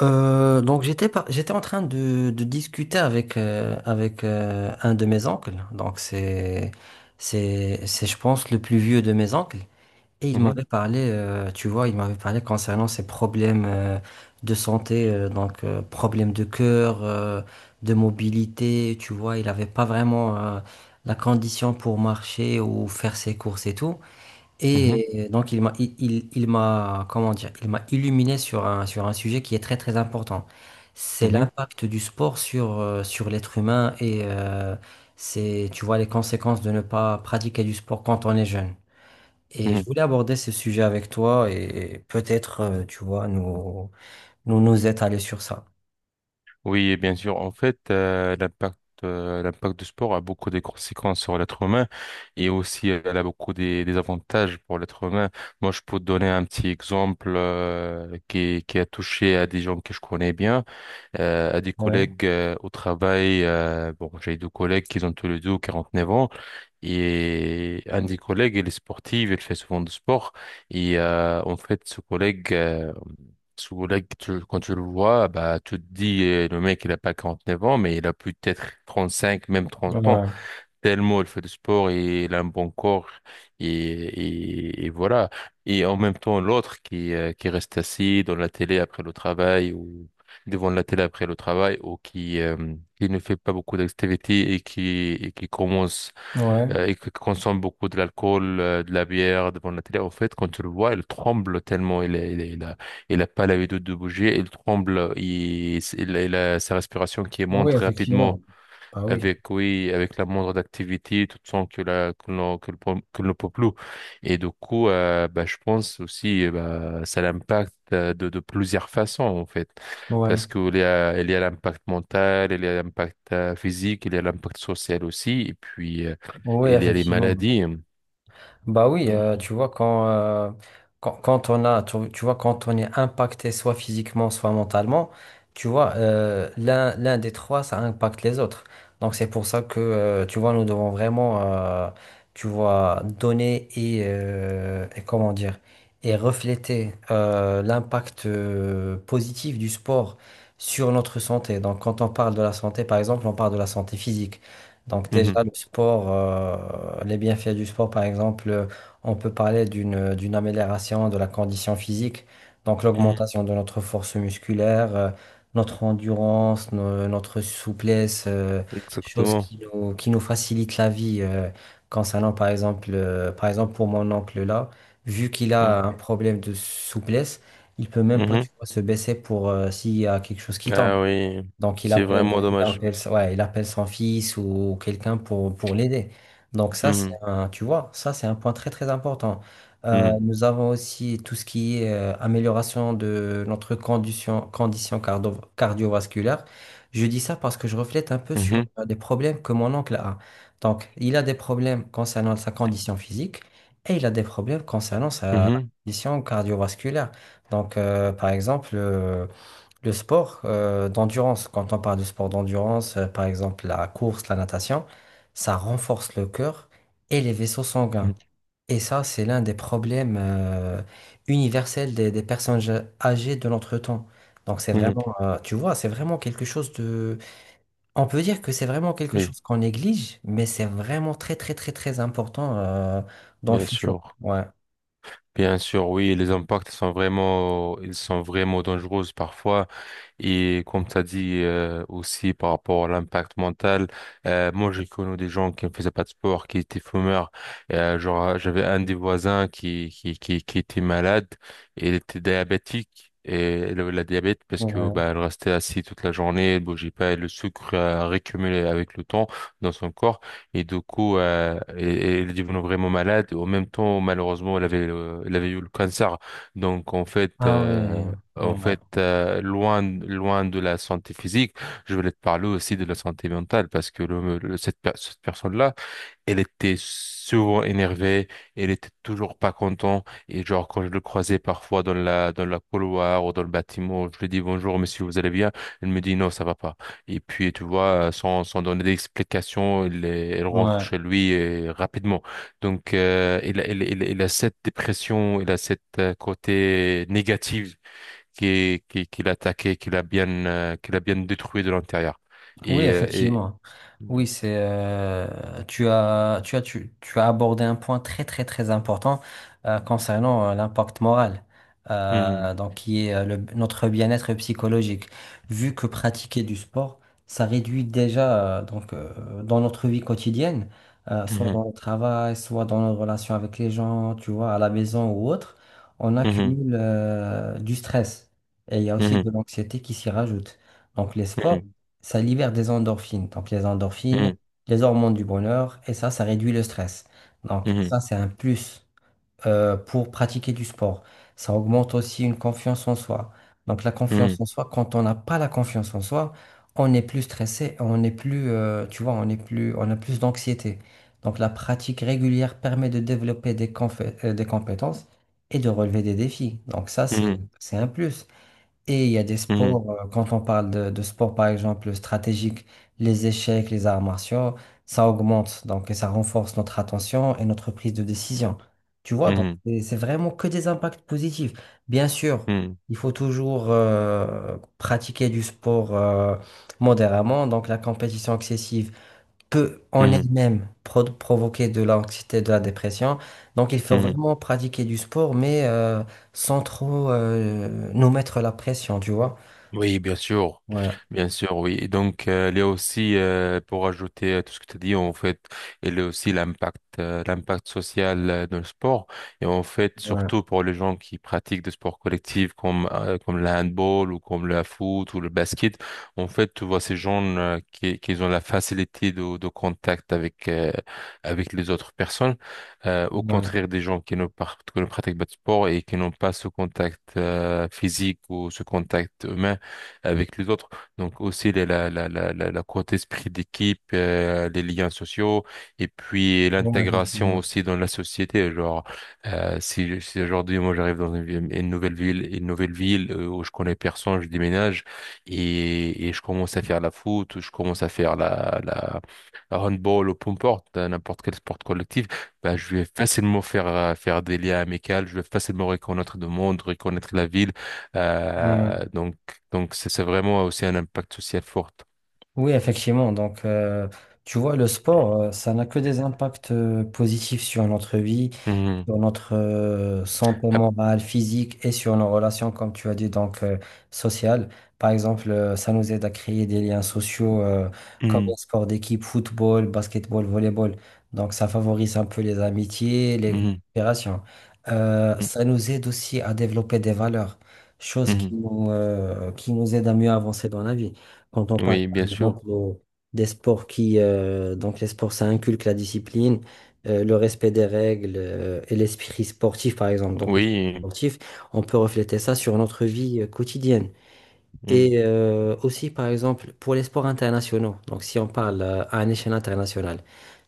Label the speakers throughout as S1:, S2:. S1: Donc j'étais en train de discuter avec un de mes oncles. Donc c'est je pense le plus vieux de mes oncles et il
S2: Mhm,
S1: m'avait parlé tu vois, il m'avait parlé concernant ses problèmes de santé, problèmes de cœur, de mobilité. Tu vois, il avait pas vraiment la condition pour marcher ou faire ses courses et tout.
S2: mhm,
S1: Et donc il m'a comment dire, il m'a illuminé sur un sujet qui est très très important. C'est
S2: mhm,
S1: l'impact du sport sur l'être humain, c'est, tu vois, les conséquences de ne pas pratiquer du sport quand on est jeune. Et je
S2: mhm.
S1: voulais aborder ce sujet avec toi et peut-être, tu vois nous nous nous étaler sur ça.
S2: Oui, et bien sûr. En fait, l'impact du sport a beaucoup de conséquences sur l'être humain et aussi elle a beaucoup des avantages pour l'être humain. Moi, je peux te donner un petit exemple qui a touché à des gens que je connais bien, à des
S1: Ouais,
S2: collègues au travail. Bon, j'ai deux collègues qui ont tous les deux 49 ans. Et un des collègues, il est sportif, il fait souvent du sport. Et en fait, ce collègue, quand tu le vois, bah, tu te dis, le mec, il a pas 49 ans, mais il a peut-être 35 même 30 ans.
S1: ouais,
S2: Tellement il fait du sport et il a un bon corps. Et voilà. Et en même temps, l'autre qui reste assis dans la télé après le travail ou devant la télé après le travail ou qui ne fait pas beaucoup d'activités et qui, et qui commence
S1: ouais.
S2: euh, et qui consomme beaucoup de l'alcool, de la bière devant la télé, en fait, quand tu le vois, il tremble tellement, il a pas l'habitude de bouger, il tremble, il a sa respiration qui
S1: Oui,
S2: monte rapidement
S1: effectivement. Bah oui.
S2: avec, oui, avec la moindre d'activité tout sens que la que le, pom- que le peuple. Et du coup, bah, je pense aussi, bah, ça l'impacte, de plusieurs façons en fait
S1: Ouais,
S2: parce que il y a l'impact mental, il y a l'impact physique, il y a l'impact social aussi et puis
S1: oui,
S2: il y a les
S1: effectivement.
S2: maladies.
S1: Bah oui,
S2: Mhm.
S1: tu vois, quand on a, tu vois, quand on est impacté soit physiquement, soit mentalement, tu vois, l'un des trois, ça impacte les autres. Donc c'est pour ça que, tu vois, nous devons vraiment, tu vois, donner et, et comment dire, et refléter l'impact positif du sport sur notre santé. Donc quand on parle de la santé, par exemple, on parle de la santé physique. Donc
S2: Mhm.
S1: déjà, le sport, les bienfaits du sport, par exemple, on peut parler d'une amélioration de la condition physique, donc
S2: Mhm.
S1: l'augmentation de notre force musculaire, notre endurance, notre souplesse, choses
S2: Exactement.
S1: qui nous facilitent la vie. Concernant, par exemple, pour mon oncle là, vu qu'il
S2: Mhm.
S1: a un problème de souplesse, il peut même pas, tu
S2: Mhm.
S1: vois, se baisser pour, s'il y a quelque chose qui tombe.
S2: Ah oui, c'est vraiment dommage.
S1: Ouais, il appelle son fils ou quelqu'un pour l'aider. Donc ça, c'est un, tu vois, ça, c'est un point très très important.
S2: Mhm.
S1: Nous avons aussi tout ce qui est amélioration de notre condition cardiovasculaire. Je dis ça parce que je reflète un peu sur
S2: Mhm.
S1: euh, des problèmes que mon oncle a. Donc, il a des problèmes concernant sa condition physique et il a des problèmes concernant
S2: Mhm.
S1: sa
S2: Mhm.
S1: condition cardiovasculaire. Donc, par exemple, le sport d'endurance, quand on parle de sport d'endurance, par exemple la course, la natation, ça renforce le cœur et les vaisseaux sanguins.
S2: Mhm.
S1: Et ça, c'est l'un des problèmes universels des personnes âgées de notre temps. Donc c'est
S2: Mhm.
S1: vraiment, tu vois, c'est vraiment quelque chose de… On peut dire que c'est vraiment quelque
S2: Oui,
S1: chose qu'on néglige, mais c'est vraiment très, très, très, très important dans le
S2: bien
S1: futur.
S2: sûr.
S1: Ouais.
S2: Bien sûr, oui, les impacts sont vraiment, ils sont vraiment dangereux parfois. Et comme tu as dit, aussi par rapport à l'impact mental, moi j'ai connu des gens qui ne faisaient pas de sport, qui étaient fumeurs. Genre j'avais un des voisins qui était malade et il était diabétique. Et elle avait la diabète parce que
S1: Ouais.
S2: bah, elle restait assise toute la journée, elle bougeait pas, et le sucre a récumulé avec le temps dans son corps et du coup elle est devenue vraiment malade. Et en même temps, malheureusement, elle avait eu le cancer. Donc en fait,
S1: Ah ouais. Ouais.
S2: loin, loin de la santé physique, je voulais te parler aussi de la santé mentale parce que cette personne-là, elle était souvent énervée, elle était toujours pas contente et genre quand je le croisais parfois dans la couloir ou dans le bâtiment, je lui dis bonjour monsieur, vous allez bien? Elle me dit non, ça va pas. Et puis tu vois, sans donner d'explication, elle rentre
S1: Ouais.
S2: chez lui, rapidement. Donc il a cette dépression, il a cette côté négatif qui l'a attaqué, qui l'a bien détruit de l'intérieur.
S1: Oui,
S2: Et, euh, et...
S1: effectivement. Oui,
S2: Mhm.
S1: c'est tu as abordé un point très très très important concernant l'impact moral, donc qui est notre bien-être psychologique. Vu que pratiquer du sport, ça réduit déjà, dans notre vie quotidienne, soit
S2: Mhm.
S1: dans le travail, soit dans nos relations avec les gens, tu vois, à la maison ou autre, on
S2: Mhm.
S1: accumule du stress et il y a aussi
S2: Mhm.
S1: de l'anxiété qui s'y rajoute. Donc les sports
S2: Mhm.
S1: ça libère des endorphines. Donc les endorphines, les hormones du bonheur, et ça réduit le stress. Donc
S2: Mhm.
S1: ça, c'est un plus pour pratiquer du sport. Ça augmente aussi une confiance en soi. Donc la confiance
S2: Mhm.
S1: en soi, quand on n'a pas la confiance en soi, on est plus stressé, on est plus, tu vois, on est plus, on a plus d'anxiété. Donc la pratique régulière permet de développer des des compétences et de relever des défis. Donc ça,
S2: Mhm.
S1: c'est un plus. Et il y a des
S2: Mhm.
S1: sports, quand on parle de sport par exemple stratégique, les échecs, les arts martiaux, ça augmente, donc et ça renforce notre attention et notre prise de décision. Tu vois,
S2: Mhm.
S1: donc
S2: Mhm.
S1: c'est vraiment que des impacts positifs. Bien sûr,
S2: Mhm.
S1: il faut toujours pratiquer du sport modérément, donc la compétition excessive peut en
S2: Mhm. Mhm.
S1: elle-même provoquer de l'anxiété, de la dépression. Donc il faut
S2: Mhm.
S1: vraiment pratiquer du sport, mais sans trop nous mettre la pression, tu vois.
S2: Oui,
S1: Ouais,
S2: bien sûr, oui. Et donc, il y a aussi, pour ajouter à tout ce que tu as dit, en fait, il y a aussi l'impact social dans le sport. Et en fait,
S1: ouais,
S2: surtout pour les gens qui pratiquent des sports collectifs comme le handball ou comme le foot ou le basket, en fait, tu vois ces gens qui ont la facilité de contact avec les autres personnes, au
S1: ouais,
S2: contraire des gens qui ne pratiquent pas de sport et qui n'ont pas ce contact, physique ou ce contact humain avec les autres. Donc aussi la côté esprit d'équipe, les liens sociaux et puis
S1: ouais,
S2: l'intégration
S1: effectivement.
S2: aussi dans la société. Genre, si aujourd'hui moi j'arrive dans une, ville- une nouvelle ville, une nouvelle ville où je connais personne, je déménage et je commence à faire la foot, ou je commence à faire la handball ou peu importe, n'importe quel sport collectif, ben je vais facilement faire des liens amicaux, je vais facilement reconnaître le monde, reconnaître la ville.
S1: Ouais.
S2: Donc c'est vraiment aussi un impact social fort.
S1: Oui, effectivement. Donc, tu vois, le sport, ça n'a que des impacts positifs sur notre vie,
S2: Mhm.
S1: sur notre santé
S2: Ah,
S1: morale, physique et sur nos relations, comme tu as dit, donc sociales. Par exemple, ça nous aide à créer des liens sociaux comme
S2: mhm,
S1: un sport d'équipe, football, basketball, volleyball. Donc ça favorise un peu les amitiés, les la
S2: mhm,
S1: coopération.
S2: mhm,
S1: Ça nous aide aussi à développer des valeurs, chose qui nous aide à mieux avancer dans la vie. Quand on
S2: mhm.
S1: parle,
S2: Oui,
S1: par
S2: bien sûr.
S1: exemple, des sports qui, donc les sports, ça inculque la discipline le respect des règles et l'esprit sportif, par exemple. Donc, l'esprit
S2: Oui,
S1: sportif, on peut refléter ça sur notre vie quotidienne.
S2: mhm,
S1: Et aussi, par exemple, pour les sports internationaux, donc si on parle à une échelle internationale,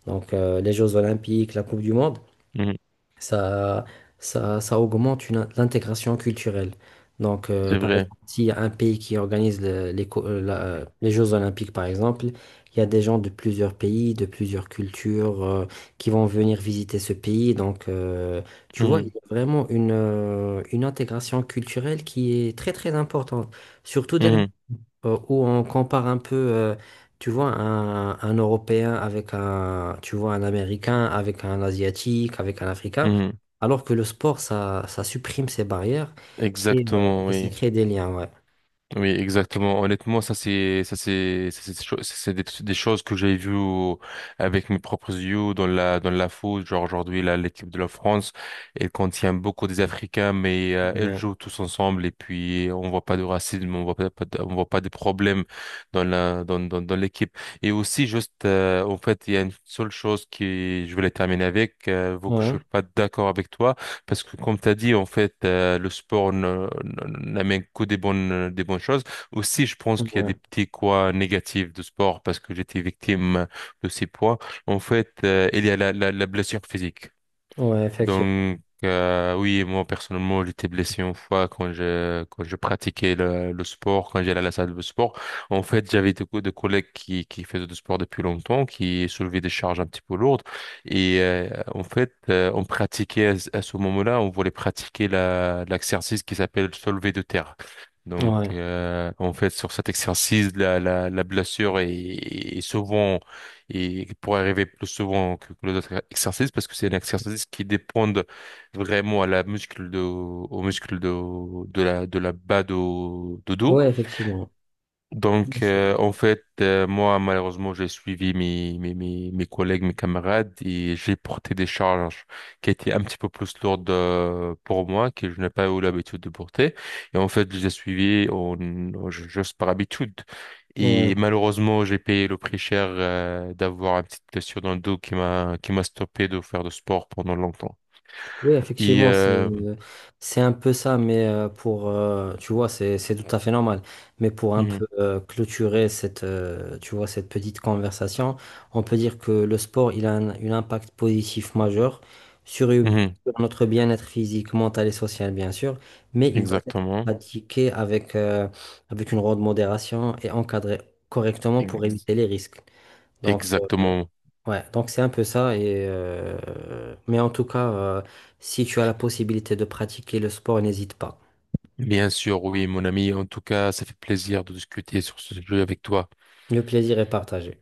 S1: donc les Jeux Olympiques, la Coupe du Monde,
S2: mhm,
S1: ça, ça augmente l'intégration culturelle. Donc,
S2: c'est
S1: par
S2: vrai.
S1: exemple, s'il y a un pays qui organise les Jeux Olympiques, par exemple, il y a des gens de plusieurs pays, de plusieurs cultures, qui vont venir visiter ce pays. Donc, tu vois, il
S2: Mhm,
S1: y a vraiment une intégration culturelle qui est très, très importante. Surtout
S2: mhm,
S1: où on compare un peu, tu vois, un Européen avec un, tu vois, un Américain, avec un Asiatique, avec un Africain,
S2: mhm.
S1: alors que le sport, ça supprime ces barrières
S2: Exactement,
S1: et ça
S2: oui.
S1: crée des liens, ouais.
S2: Oui, exactement. Honnêtement, c'est des choses que j'ai vues avec mes propres yeux dans la foot. Genre aujourd'hui, là, l'équipe de la France, elle contient beaucoup des Africains, mais elle
S1: Ouais,
S2: joue tous ensemble et puis on voit pas de racisme, on voit pas de problèmes dans l'équipe. Et aussi juste en fait, il y a une seule chose qui je voulais terminer avec, vu que je
S1: ouais,
S2: suis pas d'accord avec toi. Parce que comme tu as dit, en fait, le sport n'amène que des bonnes choses. Aussi, je pense qu'il y a
S1: ouais,
S2: des petits quoi négatifs de sport parce que j'étais victime de ces poids. En fait, il y a la blessure physique.
S1: ouais, effectivement.
S2: Donc, oui, moi, personnellement, j'étais blessé une fois quand je pratiquais le sport, quand j'allais à la salle de sport. En fait, j'avais des collègues qui faisaient du sport depuis longtemps, qui soulevaient des charges un petit peu lourdes. Et en fait, on pratiquait à ce moment-là, on voulait pratiquer l'exercice qui s'appelle le soulevé de terre. Donc,
S1: Ouais,
S2: en fait, sur cet exercice, la blessure est souvent et pour arriver plus souvent que les autres exercices parce que c'est un exercice qui dépend vraiment à la muscle de, au muscle de, la bas de dos.
S1: ouais, effectivement.
S2: Donc, en fait, moi, malheureusement, j'ai suivi mes collègues, mes camarades et j'ai porté des charges qui étaient un petit peu plus lourdes pour moi, que je n'ai pas eu l'habitude de porter. Et en fait, je les ai suivis juste par habitude. Et
S1: Ouais.
S2: malheureusement, j'ai payé le prix cher d'avoir une petite blessure dans le dos qui m'a stoppé de faire de sport pendant longtemps.
S1: Oui,
S2: Et
S1: effectivement, c'est c'est un peu ça, mais pour tu vois, c'est tout à fait normal. Mais pour un
S2: mhm,
S1: peu clôturer cette, tu vois, cette petite conversation, on peut dire que le sport il a un impact positif majeur sur,
S2: mhm,
S1: sur notre bien-être physique, mental et social bien sûr, mais il doit être
S2: exactement,
S1: pratiqué avec une grande modération et encadré correctement pour
S2: ex-
S1: éviter les risques. Donc euh,
S2: exactement.
S1: Ouais, donc c'est un peu ça. Mais en tout cas, si tu as la possibilité de pratiquer le sport, n'hésite pas.
S2: Bien sûr, oui, mon ami. En tout cas, ça fait plaisir de discuter sur ce sujet avec toi.
S1: Le plaisir est partagé.